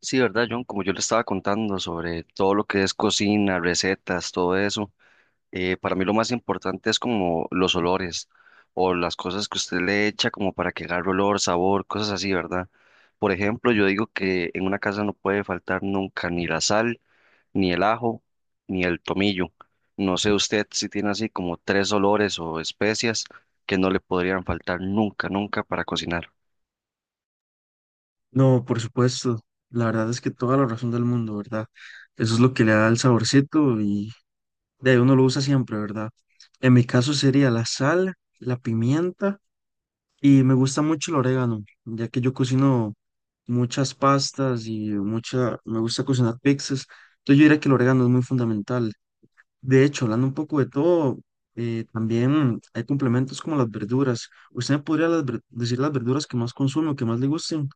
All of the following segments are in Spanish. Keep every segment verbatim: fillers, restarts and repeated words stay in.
Sí, ¿verdad, John? Como yo le estaba contando sobre todo lo que es cocina, recetas, todo eso, eh, para mí lo más importante es como los olores o las cosas que usted le echa como para que agarre olor, sabor, cosas así, ¿verdad? Por ejemplo, yo digo que en una casa no puede faltar nunca ni la sal, ni el ajo, ni el tomillo. No sé usted si tiene así como tres olores o especias que no le podrían faltar nunca, nunca para cocinar. No, por supuesto. La verdad es que toda la razón del mundo, ¿verdad? Eso es lo que le da el saborcito y de ahí uno lo usa siempre, ¿verdad? En mi caso sería la sal, la pimienta y me gusta mucho el orégano, ya que yo cocino muchas pastas y mucha, me gusta cocinar pizzas. Entonces yo diría que el orégano es muy fundamental. De hecho, hablando un poco de todo, eh, también hay complementos como las verduras. ¿Usted me podría las ver- decir las verduras que más consume o que más le gusten?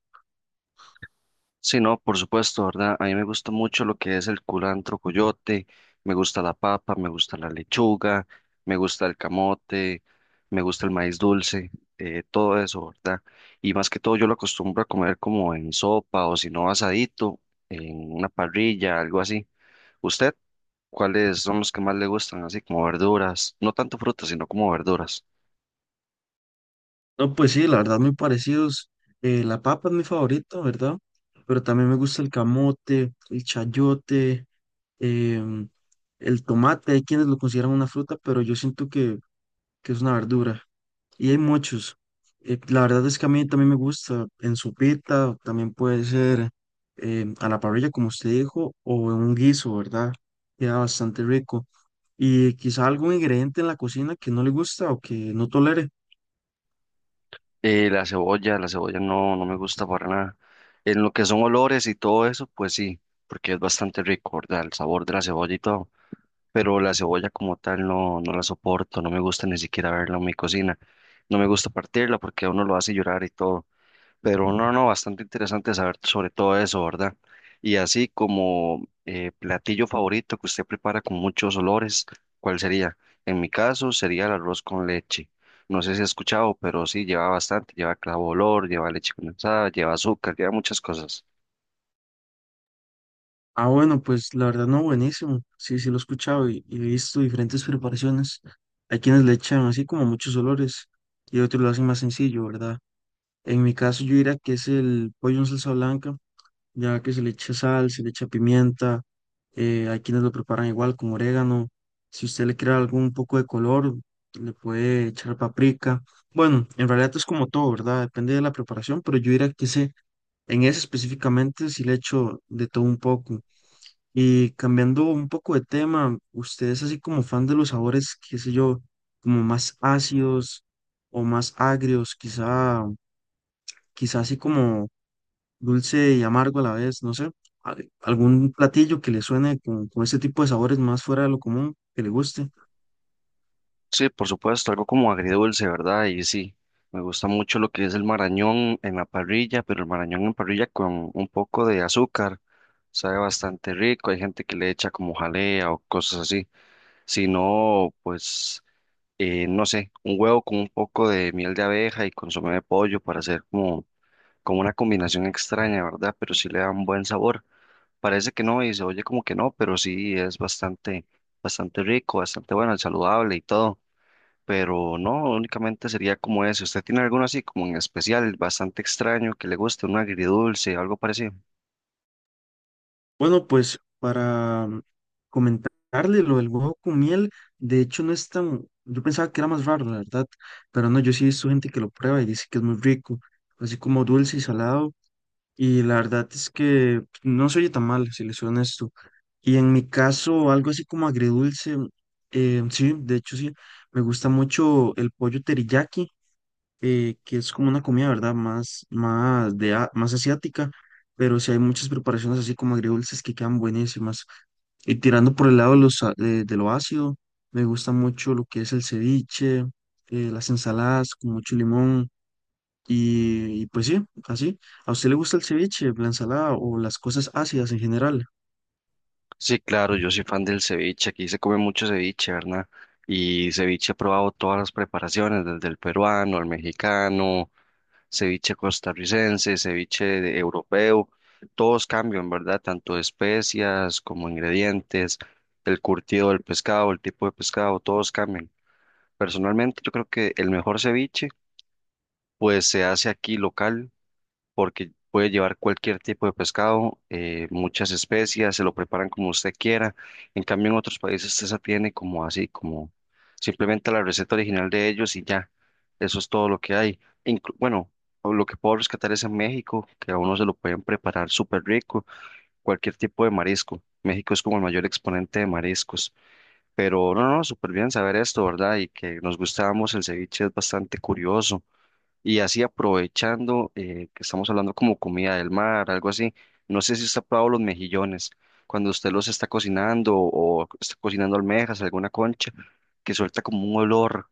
Sí, no, por supuesto, ¿verdad? A mí me gusta mucho lo que es el culantro coyote, me gusta la papa, me gusta la lechuga, me gusta el camote, me gusta el maíz dulce, eh, todo eso, ¿verdad? Y más que todo yo lo acostumbro a comer como en sopa o si no asadito, en una parrilla, algo así. ¿Usted cuáles son los que más le gustan? Así como verduras, no tanto frutas, sino como verduras. No, pues sí, la verdad, muy parecidos. Eh, la papa es mi favorita, ¿verdad? Pero también me gusta el camote, el chayote, em, el tomate. Hay quienes lo consideran una fruta, pero yo siento que, que es una verdura. Y hay muchos. Eh, la verdad es que a mí también me gusta en sopita, también puede ser em, a la parrilla, como usted dijo, o en un guiso, ¿verdad? Queda bastante rico. Y quizá algún ingrediente en la cocina que no le gusta o que no tolere. Eh, la cebolla, la cebolla no, no me gusta para nada. En lo que son olores y todo eso, pues sí, porque es bastante rico, ¿verdad? El sabor de la cebolla y todo. Pero la cebolla como tal no, no la soporto, no me gusta ni siquiera verla en mi cocina. No me gusta partirla porque a uno lo hace llorar y todo. Pero no, no, bastante interesante saber sobre todo eso, ¿verdad? Y así como eh, platillo favorito que usted prepara con muchos olores, ¿cuál sería? En mi caso sería el arroz con leche. No sé si ha escuchado, pero sí lleva bastante, lleva clavo de olor, lleva leche condensada, lleva azúcar, lleva muchas cosas. Ah, bueno, pues la verdad no, buenísimo. Sí, sí lo he escuchado y, y he visto diferentes preparaciones. Hay quienes le echan así como muchos olores y otros lo hacen más sencillo, ¿verdad? En mi caso yo diría que es el pollo en salsa blanca, ya que se le echa sal, se le echa pimienta. Eh, hay quienes lo preparan igual con orégano. Si usted le quiere algún poco de color, le puede echar paprika. Bueno, en realidad es como todo, ¿verdad? Depende de la preparación, pero yo diría que ese, en ese específicamente sí le echo de todo un poco. Y cambiando un poco de tema, ¿usted es así como fan de los sabores, qué sé yo, como más ácidos o más agrios, quizá, quizá así como dulce y amargo a la vez, no sé, al- algún platillo que le suene con, con este tipo de sabores más fuera de lo común, que le guste? Sí, por supuesto, algo como agridulce, ¿verdad? Y sí, me gusta mucho lo que es el marañón en la parrilla, pero el marañón en parrilla con un poco de azúcar, sabe bastante rico, hay gente que le echa como jalea o cosas así. Si no, pues, eh, no sé, un huevo con un poco de miel de abeja y consomé de pollo para hacer como, como una combinación extraña, ¿verdad? Pero sí le da un buen sabor. Parece que no y se oye como que no, pero sí es bastante, bastante rico, bastante bueno, saludable y todo. Pero no, únicamente sería como eso. ¿Usted tiene alguno así como en especial, bastante extraño, que le guste, un agridulce, algo parecido? Bueno, pues para mm, comentarle lo del huevo con miel, de hecho no es tan, yo pensaba que era más raro, la verdad, pero no, yo sí he visto gente que lo prueba y dice que es muy rico, así como dulce y salado. Y la verdad es que pues, no se oye tan mal, si les soy honesto. Y en mi caso, algo así como agridulce, eh, sí, de hecho sí, me gusta mucho el pollo teriyaki, eh, que es como una comida, ¿verdad? Más, más, de, a- más asiática, pero sí hay muchas preparaciones así como agridulces que quedan buenísimas. Y tirando por el lado de, los, a- de, de lo ácido, me gusta mucho lo que es el ceviche, eh, las ensaladas con mucho limón. Y, y pues sí, así. ¿A usted le gusta el ceviche, la ensalada o las cosas ácidas en general? Sí, claro, yo soy fan del ceviche, aquí se come mucho ceviche, ¿verdad? Y ceviche he probado todas las preparaciones, desde el peruano, el mexicano, ceviche costarricense, ceviche de- europeo, todos cambian, ¿verdad? Tanto de especias como ingredientes, el curtido del pescado, el tipo de pescado, todos cambian. Personalmente yo creo que el mejor ceviche pues se hace aquí local porque puede llevar cualquier tipo de pescado, eh, muchas especias, se lo preparan como usted quiera. En cambio, en otros países usted se tiene como así, como simplemente la receta original de ellos y ya, eso es todo lo que hay. Inclu- bueno, lo que puedo rescatar es en México, que a uno se lo pueden preparar súper rico, cualquier tipo de marisco. México es como el mayor exponente de mariscos. Pero no, no, súper bien saber esto, ¿verdad? Y que nos gustamos, el ceviche es bastante curioso. Y así aprovechando eh, que estamos hablando como comida del mar, algo así, no sé si usted ha probado los mejillones, cuando usted los está cocinando o está cocinando almejas, alguna concha, que suelta como un olor,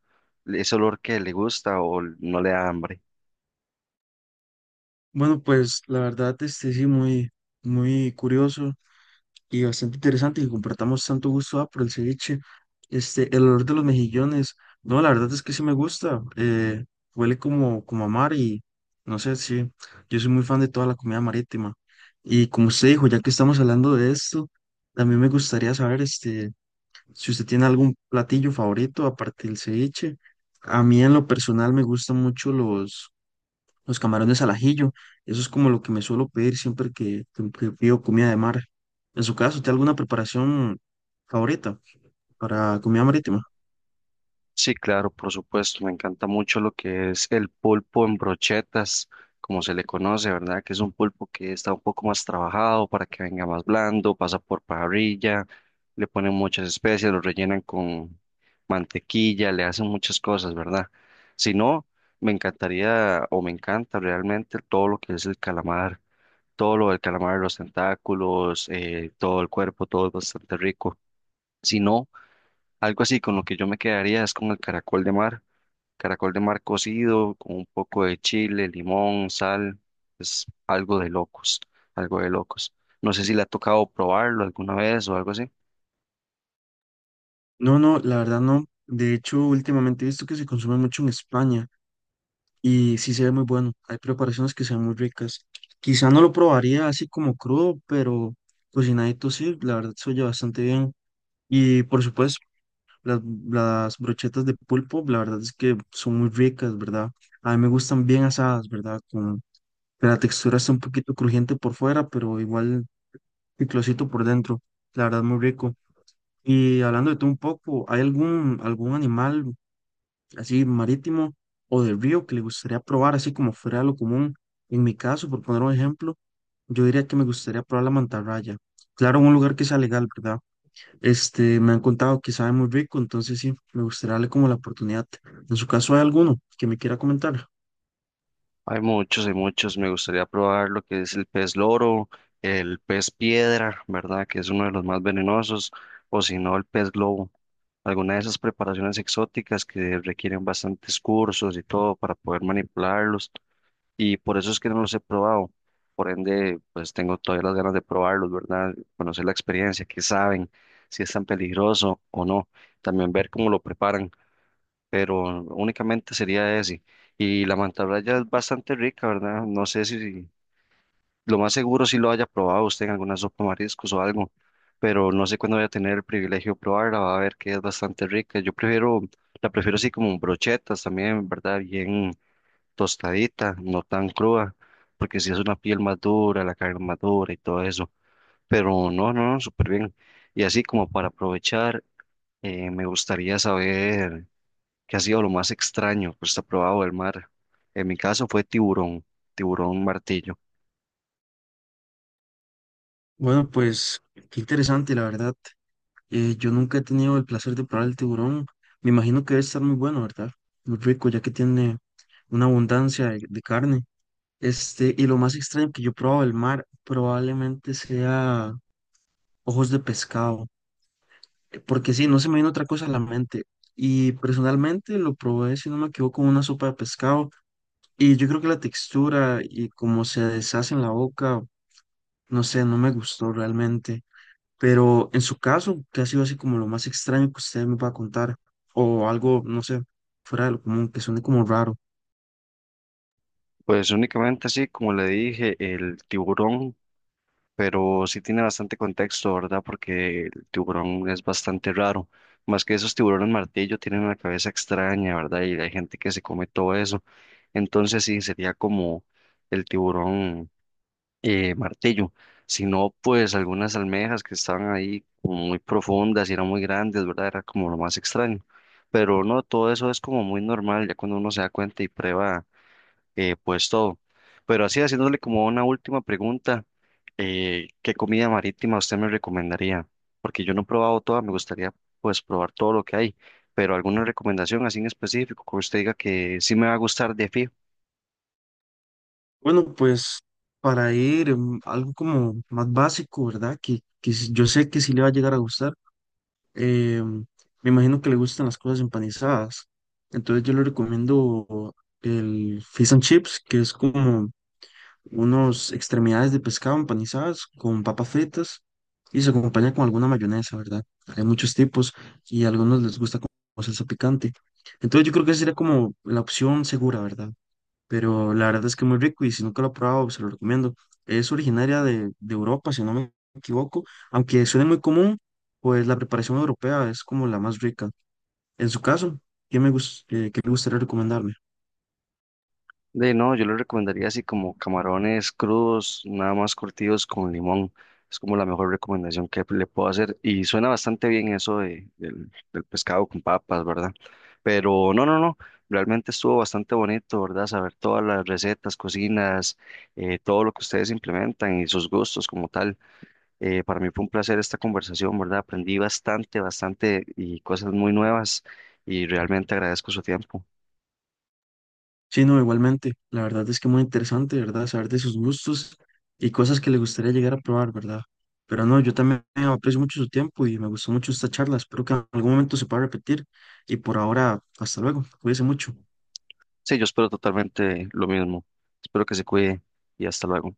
ese olor que le gusta o no le da hambre. Bueno, pues la verdad, este sí, muy, muy curioso y bastante interesante que compartamos tanto gusto ah, por el ceviche. Este, el olor de los mejillones, no, la verdad es que sí me gusta. Eh, huele como, como a mar y no sé, sí. Yo soy muy fan de toda la comida marítima. Y como usted dijo, ya que estamos hablando de esto, también me gustaría saber, este. Si usted tiene algún platillo favorito aparte del ceviche, a mí en lo personal me gustan mucho los, los camarones al ajillo. Eso es como lo que me suelo pedir siempre que, que- que pido comida de mar. En su caso, ¿tiene alguna preparación favorita para comida marítima? Sí, claro, por supuesto. Me encanta mucho lo que es el pulpo en brochetas, como se le conoce, ¿verdad? Que es un pulpo que está un poco más trabajado para que venga más blando, pasa por parrilla, le ponen muchas especias, lo rellenan con mantequilla, le hacen muchas cosas, ¿verdad? Si no, me encantaría o me encanta realmente todo lo que es el calamar, todo lo del calamar, los tentáculos, eh, todo el cuerpo, todo es bastante rico. Si no, algo así con lo que yo me quedaría es con el caracol de mar. Caracol de mar cocido, con un poco de chile, limón, sal, es algo de locos, algo de locos. No sé si le ha tocado probarlo alguna vez o algo así. No, no, la verdad no. De hecho, últimamente he visto que se consume mucho en España y sí se ve muy bueno. Hay preparaciones que se ven muy ricas. Quizá no lo probaría así como crudo, pero cocinadito sí, la verdad se oye bastante bien. Y por supuesto, Las, las brochetas de pulpo, la verdad es que son muy ricas, ¿verdad? A mí me gustan bien asadas, ¿verdad? Con que la textura está un poquito crujiente por fuera, pero igual picosito por dentro. La verdad, muy rico. Y hablando de todo un poco, ¿hay algún, algún animal así marítimo o de río que le gustaría probar, así como fuera de lo común? En mi caso, por poner un ejemplo, yo diría que me gustaría probar la mantarraya. Claro, en un lugar que sea legal, ¿verdad? Este, me han contado que sabe muy rico, entonces sí, me gustaría darle como la oportunidad. En su caso, ¿hay alguno que me quiera comentar? Hay muchos, hay muchos. Me gustaría probar lo que es el pez loro, el pez piedra, ¿verdad? Que es uno de los más venenosos, o si no, el pez globo. Alguna de esas preparaciones exóticas que requieren bastantes cursos y todo para poder manipularlos y por eso es que no los he probado. Por ende, pues tengo todavía las ganas de probarlos, ¿verdad? Conocer la experiencia, qué saben, si es tan peligroso o no. También ver cómo lo preparan, pero únicamente sería ese. Y la mantarraya es bastante rica, ¿verdad? No sé si, lo más seguro si lo haya probado usted en alguna sopa de mariscos o algo, pero no sé cuándo voy a tener el privilegio de probarla, va a ver que es bastante rica. Yo prefiero, la prefiero así como brochetas también, ¿verdad? Bien tostadita, no tan cruda, porque si es una piel más dura, la carne más dura y todo eso. Pero no, no, no, súper bien. Y así como para aprovechar, eh, me gustaría saber qué ha sido lo más extraño que usted ha probado del mar. En mi caso fue tiburón, tiburón martillo. Bueno, pues qué interesante, la verdad. Eh, yo nunca he tenido el placer de probar el tiburón. Me imagino que debe estar muy bueno, ¿verdad? Muy rico, ya que tiene una abundancia de, de carne. Este, y lo más extraño que yo he probado del mar probablemente sea ojos de pescado, eh, porque sí, no se me vino otra cosa a la mente. Y personalmente lo probé, si no me equivoco, con una sopa de pescado. Y yo creo que la textura y cómo se deshace en la boca, no sé, no me gustó realmente. Pero en su caso, que ha sido así como lo más extraño que usted me va a contar, o algo, no sé, fuera de lo común, que suene como raro. Pues únicamente así, como le dije, el tiburón. Pero sí tiene bastante contexto, ¿verdad? Porque el tiburón es bastante raro. Más que esos tiburones martillo tienen una cabeza extraña, ¿verdad? Y hay gente que se come todo eso. Entonces sí, sería como el tiburón eh, martillo. Si no, pues algunas almejas que estaban ahí como muy profundas y eran muy grandes, ¿verdad? Era como lo más extraño. Pero no, todo eso es como muy normal ya cuando uno se da cuenta y prueba eh, pues todo. Pero así haciéndole como una última pregunta, eh, ¿qué comida marítima usted me recomendaría? Porque yo no he probado toda, me gustaría pues probar todo lo que hay, pero alguna recomendación así en específico que usted diga que sí me va a gustar de fijo. Bueno, pues para ir mm, algo como más básico, ¿verdad? Que, que sí- yo sé que sí le va a llegar a gustar. eh, Me imagino que le gustan las cosas empanizadas. Entonces yo le recomiendo el Fish and Chips, que es como unos extremidades de pescado empanizadas con papas fritas y se acompaña con alguna mayonesa, ¿verdad? Hay muchos tipos y a algunos les gusta con salsa picante. Entonces yo creo que esa sería como la opción segura, ¿verdad? Pero la verdad es que es muy rico y si nunca lo he probado, se lo recomiendo. Es originaria de, de Europa, si no me equivoco, aunque suene muy común, pues la preparación europea es como la más rica. En su caso, ¿qué me gus- eh, qué le gustaría recomendarme? De no, yo le recomendaría así como camarones crudos, nada más curtidos con limón. Es como la mejor recomendación que le puedo hacer. Y suena bastante bien eso de, del, del pescado con papas, ¿verdad? Pero no, no, no. Realmente estuvo bastante bonito, ¿verdad? Saber todas las recetas, cocinas, eh, todo lo que ustedes implementan y sus gustos como tal. Eh, para mí fue un placer esta conversación, ¿verdad? Aprendí bastante, bastante y cosas muy nuevas y realmente agradezco su tiempo. Sí, no, igualmente. La verdad es que muy interesante, ¿verdad? Saber de sus gustos y cosas que le gustaría llegar a probar, ¿verdad? Pero no, yo también aprecio mucho su tiempo y me gustó mucho esta charla. Espero que en algún momento se pueda repetir. Y por ahora, hasta luego. Cuídese mucho. Sí, yo espero totalmente lo mismo. Espero que se cuide y hasta luego.